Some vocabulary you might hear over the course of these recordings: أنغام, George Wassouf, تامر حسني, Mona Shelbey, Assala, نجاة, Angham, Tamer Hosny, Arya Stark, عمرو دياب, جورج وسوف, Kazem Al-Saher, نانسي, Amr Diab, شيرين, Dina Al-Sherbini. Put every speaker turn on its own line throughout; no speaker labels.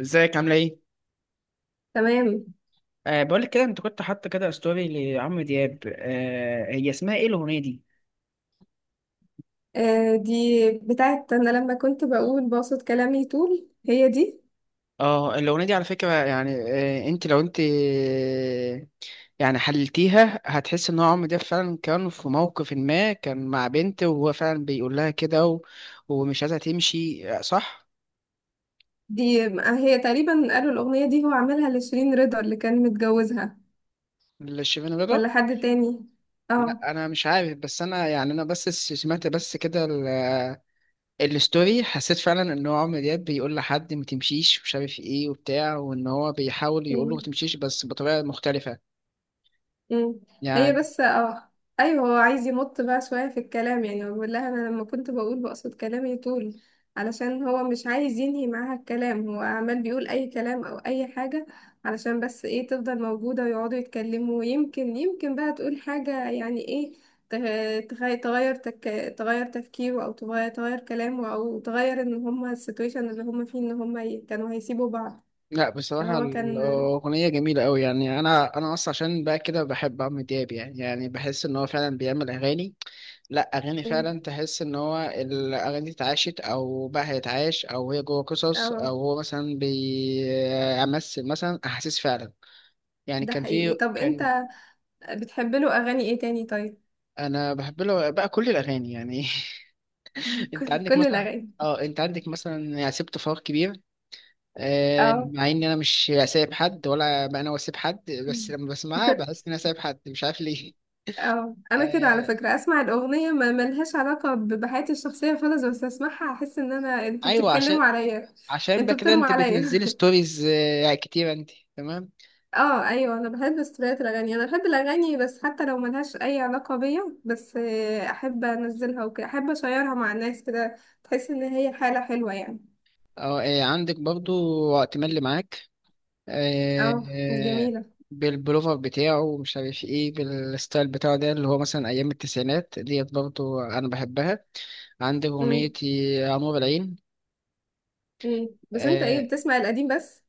ازيك عامله ايه؟
تمام.
بقول لك كده، انت كنت حاطه كده ستوري لعمرو دياب. هي اسمها ايه الاغنيه دي؟
آه، دي بتاعت انا لما كنت بقول باسط كلامي طول. هي دي.
اه، الاغنيه دي على فكره، يعني أه انت لو انت آه، يعني حللتيها هتحس ان هو عمرو دياب فعلا كان في موقف، ما كان مع بنت وهو فعلا بيقول لها كده ومش عايزها تمشي، صح؟
دي هي تقريبا قالوا الاغنيه دي هو عاملها لشيرين رضا اللي كان متجوزها،
لشيفين رضا؟
ولا حد تاني. اه.
لا انا مش عارف، بس انا يعني انا بس سمعت كده الستوري، حسيت فعلا ان هو عمرو دياب بيقول لحد ما تمشيش ومش عارف ايه وبتاع، وان هو بيحاول يقول له ما تمشيش بس بطريقه مختلفه.
مم. هي
يعني،
بس اه، ايوه هو عايز يمط بقى شويه في الكلام. يعني هو بيقول لها انا لما كنت بقول بقصد كلامي طول، علشان هو مش عايز ينهي معاها الكلام. هو عمال بيقول اي كلام او اي حاجه علشان بس ايه، تفضل موجوده ويقعدوا يتكلموا. ويمكن يمكن بقى تقول حاجه يعني ايه. ت- تخ- تغير تك... تغير تفكيره، او تغير كلامه، او تغير ان هما السيتويشن اللي هما فيه ان هما كانوا هيسيبوا بعض.
لا بصراحه
فهو كان.
الاغنيه جميله قوي، يعني انا اصلا عشان بقى كده بحب عمرو دياب، يعني بحس ان هو فعلا بيعمل اغاني. لا، اغاني
مم.
فعلا تحس ان هو الاغاني دي اتعاشت او بقى هيتعاش او هي جوه قصص،
اه،
او هو مثلا بيمثل مثلا احاسيس فعلا. يعني
ده
كان
حقيقي.
في
طب
كان
انت بتحب له اغاني ايه تاني طيب؟
انا بحب له بقى كل الاغاني يعني. انت
كل
عندك
كل
مثلا،
الاغاني.
اه انت عندك مثلا يعني سبت فراغ كبير،
اه.
مع ان انا مش سايب حد، ولا انا واسيب حد، بس لما بسمعها بحس ان انا سايب حد، مش عارف ليه.
اه انا كده على
آه،
فكره اسمع الاغنيه ما ملهاش علاقه بحياتي الشخصيه خالص، بس اسمعها احس ان انا انتوا
ايوه، عشان
بتتكلموا عليا.
عشان بقى
انتوا
كده
بترموا
انت
عليا.
بتنزلي ستوريز، يعني كتير انت. تمام.
اه ايوه، انا بحب ستوريات الاغاني، انا بحب الاغاني. بس حتى لو ملهاش اي علاقه بيا، بس آه، احب انزلها وكده، احب اشيرها مع الناس كده. تحس ان هي حاله حلوه يعني.
اه، عندك برضو وقت ملي معاك، آه،
اه
آه،
جميله.
بالبلوفر بتاعه ومش عارف ايه، بالستايل بتاعه ده اللي هو مثلا ايام التسعينات ديت، برضو انا بحبها. عندك اغنية
امم.
يا نور العين،
بس انت
آه،
ايه، بتسمع القديم بس؟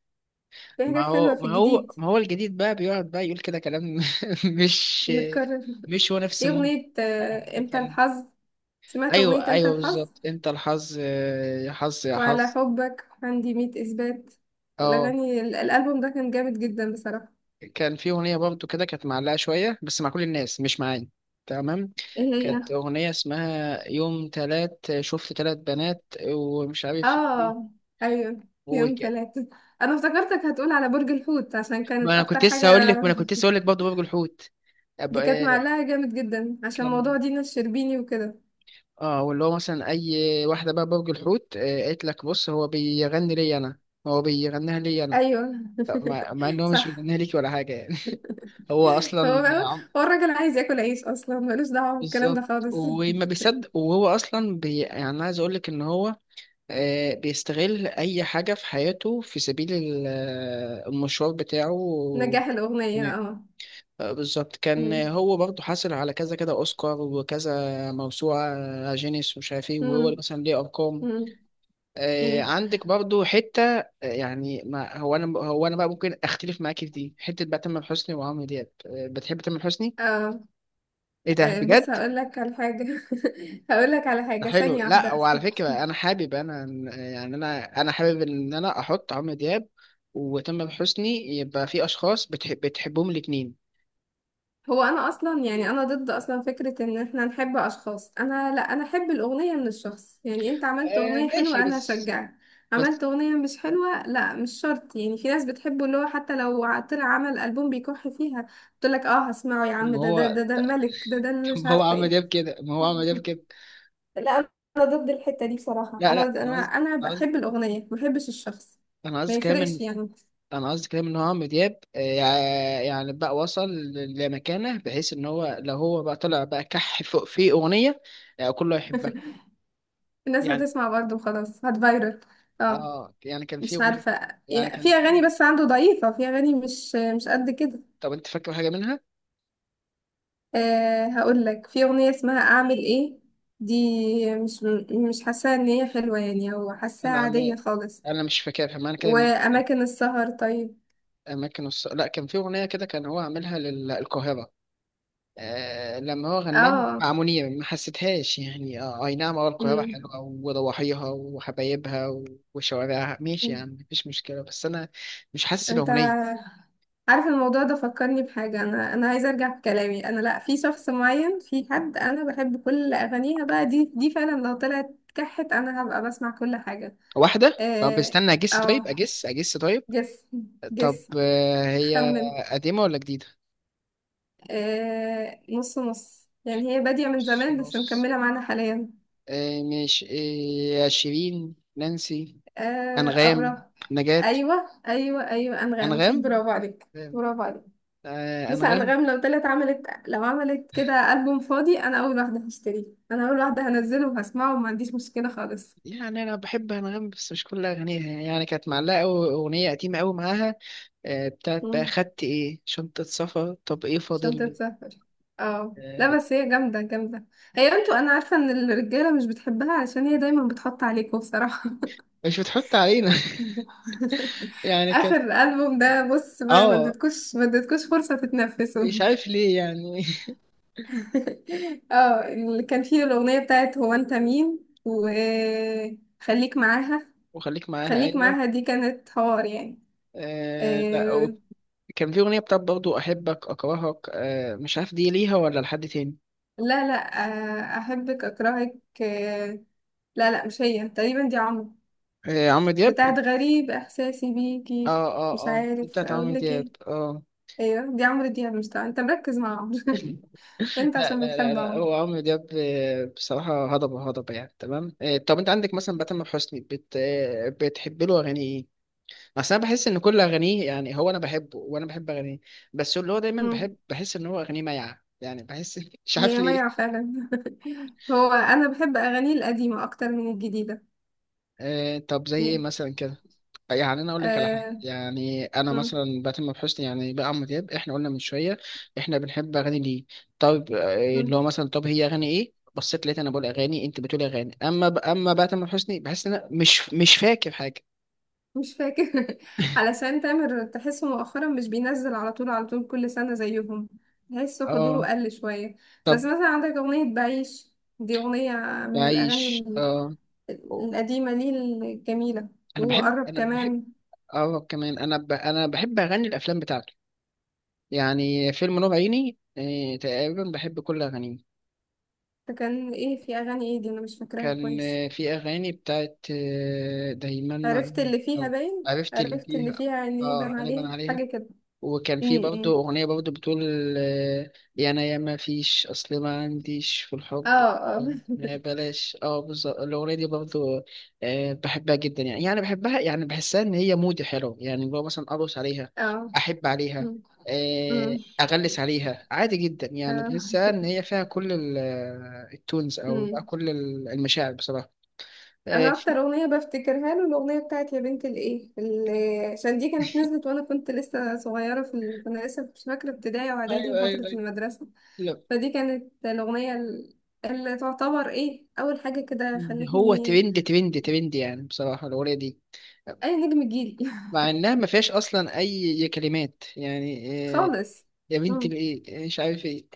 في
ما
حاجات حلوه
هو
في
ما هو
الجديد.
ما هو الجديد بقى بيقعد بقى يقول كده كلام. مش
متكرر.
مش هو نفس
ايه
مود
أغنية، آه،
يعني.
انت
كان،
الحظ؟ سمعت أغنية
ايوه
انت
ايوه
الحظ؟
بالظبط انت الحظ، يا حظ يا
وعلى
حظ.
حبك عندي مية إثبات.
اه،
الأغاني الألبوم ده كان جامد جدا بصراحة.
كان في اغنيه برضو كده كانت معلقه شويه بس مع كل الناس، مش معايا. تمام.
ايه هي؟
كانت اغنيه اسمها يوم تلات شفت تلات بنات ومش عارف ايه
اه. أيوه، يوم
وكده.
تلاتة. أنا افتكرتك هتقول على برج الحوت عشان
ما
كانت
انا
أكتر
كنت لسه هقول
حاجة.
لك ما انا كنت لسه هقول لك برضه برج الحوت. أب-
دي كانت
آه،
معلقة جامد جدا عشان
كان،
موضوع دينا الشربيني وكده.
اه واللي هو مثلا اي واحده بقى برج الحوت، قالت لك بص هو بيغني لي انا، هو بيغنيها لي انا.
أيوه.
طب مع ان هو مش
صح.
بيغنيها ليك ولا حاجه يعني. هو اصلا
هو،
عم-
هو الراجل عايز ياكل عيش أصلا، ملوش دعوة بالكلام ده
بالظبط،
خالص.
وما بيصدق، وهو اصلا يعني أنا عايز اقول لك ان هو بيستغل اي حاجه في حياته في سبيل المشوار بتاعه.
نجاح الأغنية،
يعني
اه.
بالظبط، كان هو برضه حاصل على كذا كذا اوسكار وكذا موسوعه، جينيس ومش عارف ايه،
مم.
وهو مثلا ليه ارقام.
مم. مم.
عندك برضو حتة، يعني ما هو أنا بقى ممكن أختلف معاك في دي حتة، بقى تامر حسني وعمرو دياب. بتحب تامر حسني؟
اه.
إيه ده
آه، بص
بجد؟
هقول لك على حاجة. هقول لك على
ده
حاجة،
حلو.
ثانية
لا،
واحدة.
وعلى فكرة أنا حابب، يعني أنا حابب إن أنا أحط عمرو دياب وتامر حسني، يبقى في أشخاص بتحبهم الاتنين.
هو انا اصلا يعني، انا ضد اصلا فكرة ان احنا نحب اشخاص. انا لا، انا احب الاغنية من الشخص. يعني انت عملت
آه
اغنية
ماشي،
حلوة، انا
بس.
هشجعك.
بس
عملت اغنية مش حلوة، لا مش شرط. يعني في ناس بتحبه اللي هو حتى لو طلع عمل البوم بيكح فيها، تقول لك اه هسمعه يا
طب
عم،
ما
ده ده
هو
ده ده الملك، ده ده اللي
طب
مش
ما هو
عارفة
عمرو
ايه.
دياب كده ما هو عمرو دياب كده.
لا، انا ضد الحته دي بصراحه.
لا،
انا
لا،
انا انا
أنا قصدي
بحب الاغنيه، ما بحبش الشخص.
أنا
ما
قصدي كمان،
يفرقش يعني.
انا قصدي كلام ان هو عمرو دياب يعني بقى وصل لمكانه، بحيث ان هو لو هو بقى طلع بقى كح فوق في اغنيه، كله يحبها
الناس
يعني.
هتسمع برضه وخلاص، هتفايرل. اه.
اه يعني كان في
مش
اغنيه،
عارفه
يعني
يا-
كان
في
في.
اغاني بس عنده ضعيفه، في اغاني مش مش قد كده.
طب انت فاكر حاجه منها؟
أه هقول لك، في اغنيه اسمها اعمل ايه. دي مش مش حاساها ان هي حلوه يعني، او حاساها
انا
عاديه خالص.
مش فاكرها. معنى كده ان
واماكن السهر طيب.
لا، كان في اغنيه كده كان هو عاملها للقاهره، آه لما هو غناها
اه.
مع منير ما حسيتهاش يعني. آه أي نعم، أه القاهرة
امم.
حلوة وضواحيها وحبايبها وشوارعها، ماشي يعني، مفيش مشكلة، بس أنا مش حاسس
انت
الأغنية.
عارف الموضوع ده فكرني بحاجة. أنا عايزة أرجع في كلامي. أنا لأ، في شخص معين، في حد أنا بحب كل أغانيها بقى. دي فعلا لو طلعت كحت، أنا هبقى بسمع كل حاجة.
واحدة، طب
آه،
استنى أجس،
أو
طيب أجس أجس، طيب.
جس.
طب
جس.
آه، هي
خمن.
قديمة ولا جديدة؟
آه، نص نص يعني، هي بادية من
نص
زمان بس
نص.
مكملة معانا حاليا.
آه مش... آه، شيرين، نانسي،
آه،
أنغام،
قرب.
نجاة.
أيوة، أيوة، أيوة، أنغام.
أنغام.
برافو عليك. برافو عليك.
آه
بص،
أنغام.
انغام لو طلعت عملت، لو عملت كده ألبوم فاضي، انا اول واحده هشتريه، انا اول واحده هنزله وهسمعه وما عنديش مشكله خالص.
يعني انا بحب انغام بس مش كل اغانيها، يعني كانت معلقه قوي اغنيه قديمه قوي معاها، بتاعت بقى
مم.
خدت ايه شنطه سفر، طب ايه
شنطه
فاضل.
سفر. اه لا،
آه،
بس هي جامده جامده. هي انتوا، انا عارفه ان الرجاله مش بتحبها علشان هي دايما بتحط عليكم بصراحه.
مش بتحط علينا. يعني
اخر
كانت.
ألبوم ده بص، ما
اه،
اديتكوش، ما اديتكوش فرصه تتنفسوا.
مش عارف ليه يعني.
اه، اللي كان فيه الاغنيه بتاعت هو انت مين، وخليك معاها.
وخليك معاها،
خليك
ايوه.
معاها دي كانت حوار يعني.
آه لا
آه
و- كان في اغنيه بتاعت برضو احبك اكرهك، آه مش عارف دي ليها ولا لحد تاني.
لا. لا، آه أحبك أكرهك. آه لا لا، مش هي. تقريبا دي عمرو،
آه عمرو دياب.
بتاعت غريب إحساسي بيكي.
اه، اه،
مش
اه، دي
عارف
بتاعت عمرو
أقول لك
دياب
إيه.
اه.
أيوه دي عمرو دياب. مش طبعا أنت مركز مع عمرو.
لا،
أنت عشان
لا، لا،
بتحب
لا،
عمرو.
هو عمرو دياب بصراحة هضبة هضبة يعني، تمام. طب انت عندك مثلا بقى تامر حسني بت... آه، بتحب له اغاني ايه؟ اصل انا بحس ان كل اغانيه، يعني هو انا بحبه وانا بحب اغانيه، بس اللي هو دايما
مم.
بحس ان هو اغانيه مايعة يعني، بحس. مش عارف
هي ميعة
ليه.
فعلا. هو أنا بحب أغانيه القديمة أكتر من الجديدة.
طب زي ايه
يعني.
مثلا؟ يعني انا اقول لك على حاجه،
آه.
يعني انا مثلا بتم بحسني يعني، بقى عمرو دياب احنا قلنا من شويه احنا بنحب اغاني ليه، طب اللي
مم.
هو مثلا طب هي اغاني ايه، بصيت لقيت انا بقول اغاني انت بتقول اغاني. اما اما بقى تامر حسني بحس ان انا مش فاكر حاجه،
مش فاكر. علشان تامر تحسه مؤخرا مش بينزل على طول، على طول كل سنة زيهم. تحسه
اه.
حضوره قل شوية. بس
طب
مثلا عندك أغنية بعيش. دي أغنية من الأغاني
عايش، اه. أوه.
القديمة ليه، الجميلة. وقرب
انا بحب.
كمان.
اه كمان انا انا بحب اغني الافلام بتاعته. يعني فيلم نور عيني، تقريبا بحب كل اغانيه.
فكان إيه في أغاني إيه دي، أنا مش فاكراها
كان
كويس.
في أغاني بتاعت دايما مع.
عرفت اللي فيها
أو،
باين،
عرفت اللي
عرفت اللي
فيها،
فيها إني
اه
بان
غالبا
عليها
عليها.
حاجة كده.
وكان
م-
في برضه
م.
أغنية برضه بتقول آه، يا أنا يا ما فيش، أصل ما عنديش في الحب
اه. اه.
ما بلاش، اه بالظبط الأغنية دي. برضه بحبها جدا يعني. يعني بحبها بحسها إن هي مودي حلو يعني، اللي هو مثلا أرقص عليها،
اه.
أحب عليها،
م- م.
أغلس عليها عادي جدا يعني،
اه.
تحسها إن هي فيها كل التونز، أو بقى
م.
كل المشاعر بصراحة. آه،
انا اكتر
في
اغنيه بفتكرها له الاغنيه بتاعت يا بنت الايه، اللي عشان دي كانت نزلت وانا كنت لسه صغيره في ال... كنا لسه مش فاكره، ابتدائي واعدادي
أيوه،
وفتره
أيوه، أيوه،
المدرسه.
لا.
فدي كانت الاغنيه اللي تعتبر ايه اول حاجه كده
هو
خلتني
ترند، ترند، ترند يعني، بصراحة الأغنية دي
اي نجم جيلي.
مع انها ما فيهاش اصلا اي كلمات يعني. آه،
خالص.
يا بنتي بايه مش عارف ايه.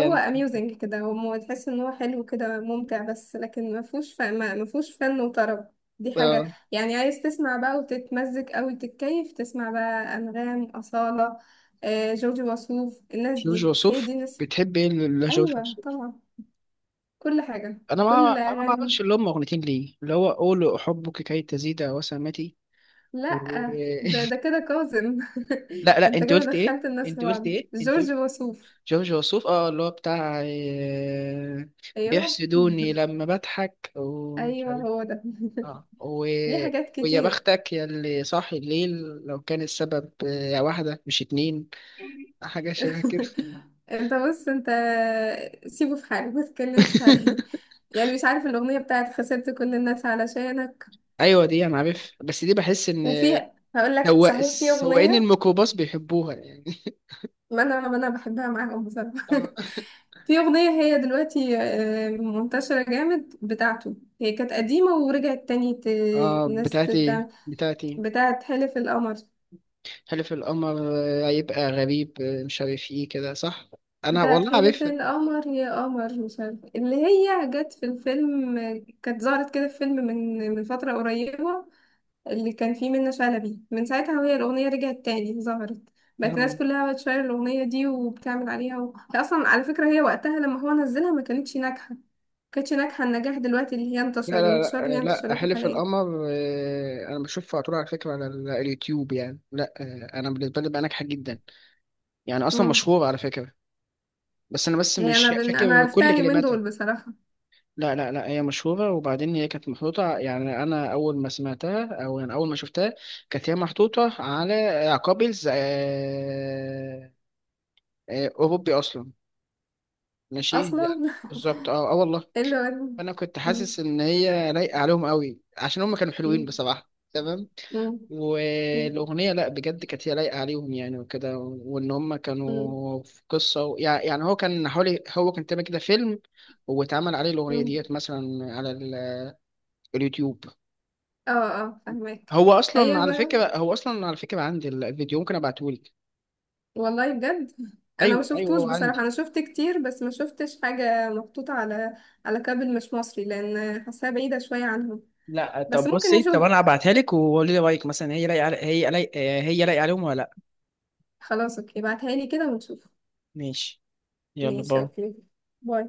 هو اميوزنج كده، هو تحس ان هو حلو كده ممتع، بس لكن ما فيهوش ف... ما ما فيهوش فن وطرب. دي حاجة
آه،
يعني عايز تسمع بقى وتتمزج أوي، تتكيف تسمع بقى أنغام، أصالة، آه، جورج وسوف. الناس
جورج
دي هي
وسوف.
دي ناس.
بتحب ايه لجورج
أيوة
وسوف؟
طبعا. كل حاجة،
انا
كل
ما اعرفش
أغاني.
اللي هم اغنيتين ليه اللي هو قول احبك كي تزيد وسامتي
لأ
و...
ده، ده كده كاظم.
لا، لا،
انت
انت
كده
قلت ايه
دخلت الناس في
انت قلت
بعض.
ايه انت
جورج
قلت
وسوف.
جورج وسوف، اه اللي هو بتاع
أيوة.
بيحسدوني لما بضحك ومش
أيوة
عارف،
هو ده.
اه
ليه حاجات
ويا
كتير.
بختك يا اللي صاحي الليل، لو كان السبب واحدة مش اتنين، حاجة شبه كده.
انت بص، انت سيبه في حاله ما تتكلمش عليه. يعني مش عارف الاغنيه بتاعت خسرت كل الناس علشانك.
ايوه دي انا عارف، بس دي بحس ان
وفي، هقول لك
هو
صحيح، في
سواقين
اغنيه.
الميكروباص بيحبوها يعني.
ما انا بحبها معاهم بصراحه.
اه
في اغنيه هي دلوقتي آه، منتشره جامد بتاعته، هي كانت قديمه ورجعت تاني الناس
بتاعتي بتاعتي
بتاعت حلف القمر.
حلف القمر. هيبقى غريب مش عارف ايه كده، صح. انا
بتاعت
والله
حلف
عارفها.
القمر يا قمر، مش عارفه اللي هي جت في الفيلم. كانت ظهرت كده في فيلم من فتره قريبه، اللي كان فيه منة شلبي. من ساعتها وهي الأغنية رجعت تاني ظهرت، بقت
آه.
الناس كلها بتشير الأغنية دي وبتعمل عليها و... هي أصلا على فكرة، هي وقتها لما هو نزلها ما كانتش ناجحة، ما كانتش ناجحة النجاح دلوقتي اللي هي
لا، لا،
انتشر الانتشار اللي
لا،
هي
لا،
انتشرته
حلف
حاليا.
القمر، انا بشوفها على طول على فكره على اليوتيوب يعني. لا انا بالنسبه لي بقى ناجحه جدا، يعني اصلا
امم.
مشهورة على فكرة، بس انا
هي أنا
مش
أنا
فاكر
عرفتها
كل
اليومين
كلماتها.
دول بصراحة.
لا، لا، لا، هي مشهورة، وبعدين هي كانت محطوطة يعني انا اول ما سمعتها، او يعني اول ما شفتها كانت هي محطوطة على قابلز، اوروبي اصلا، ماشي
أصلا.
يعني. بالظبط اه، آه والله،
إيه اللي هو.
فانا كنت
مم.
حاسس ان هي لايقه عليهم قوي عشان هم كانوا حلوين
مم.
بصراحه، تمام.
مم. مم.
والاغنيه لا بجد كانت هي لايقه عليهم يعني، وكده وان هم كانوا في قصه يعني، هو كان تعمل كده فيلم واتعمل عليه الاغنيه
مم.
ديت مثلا على اليوتيوب.
اه، اه، فهمك. هي
هو اصلا على فكره عندي الفيديو، ممكن ابعته لك.
والله بجد، انا ما
ايوه، ايوه،
شفتوش
هو
بصراحه.
عندي.
انا شفت كتير بس ما شفتش حاجه محطوطه على على كابل مش مصري، لان حاساها بعيده شويه عنهم.
لا
بس
طب
ممكن
بصي، طب انا
نشوف.
هبعتها لك وقولي لي رايك، مثلا هي لايقه هي لايقه عليهم ولا لا؟
خلاص اوكي، ابعتها لي كده ونشوف.
ماشي، يلا
ماشي
باي.
اوكي. باي.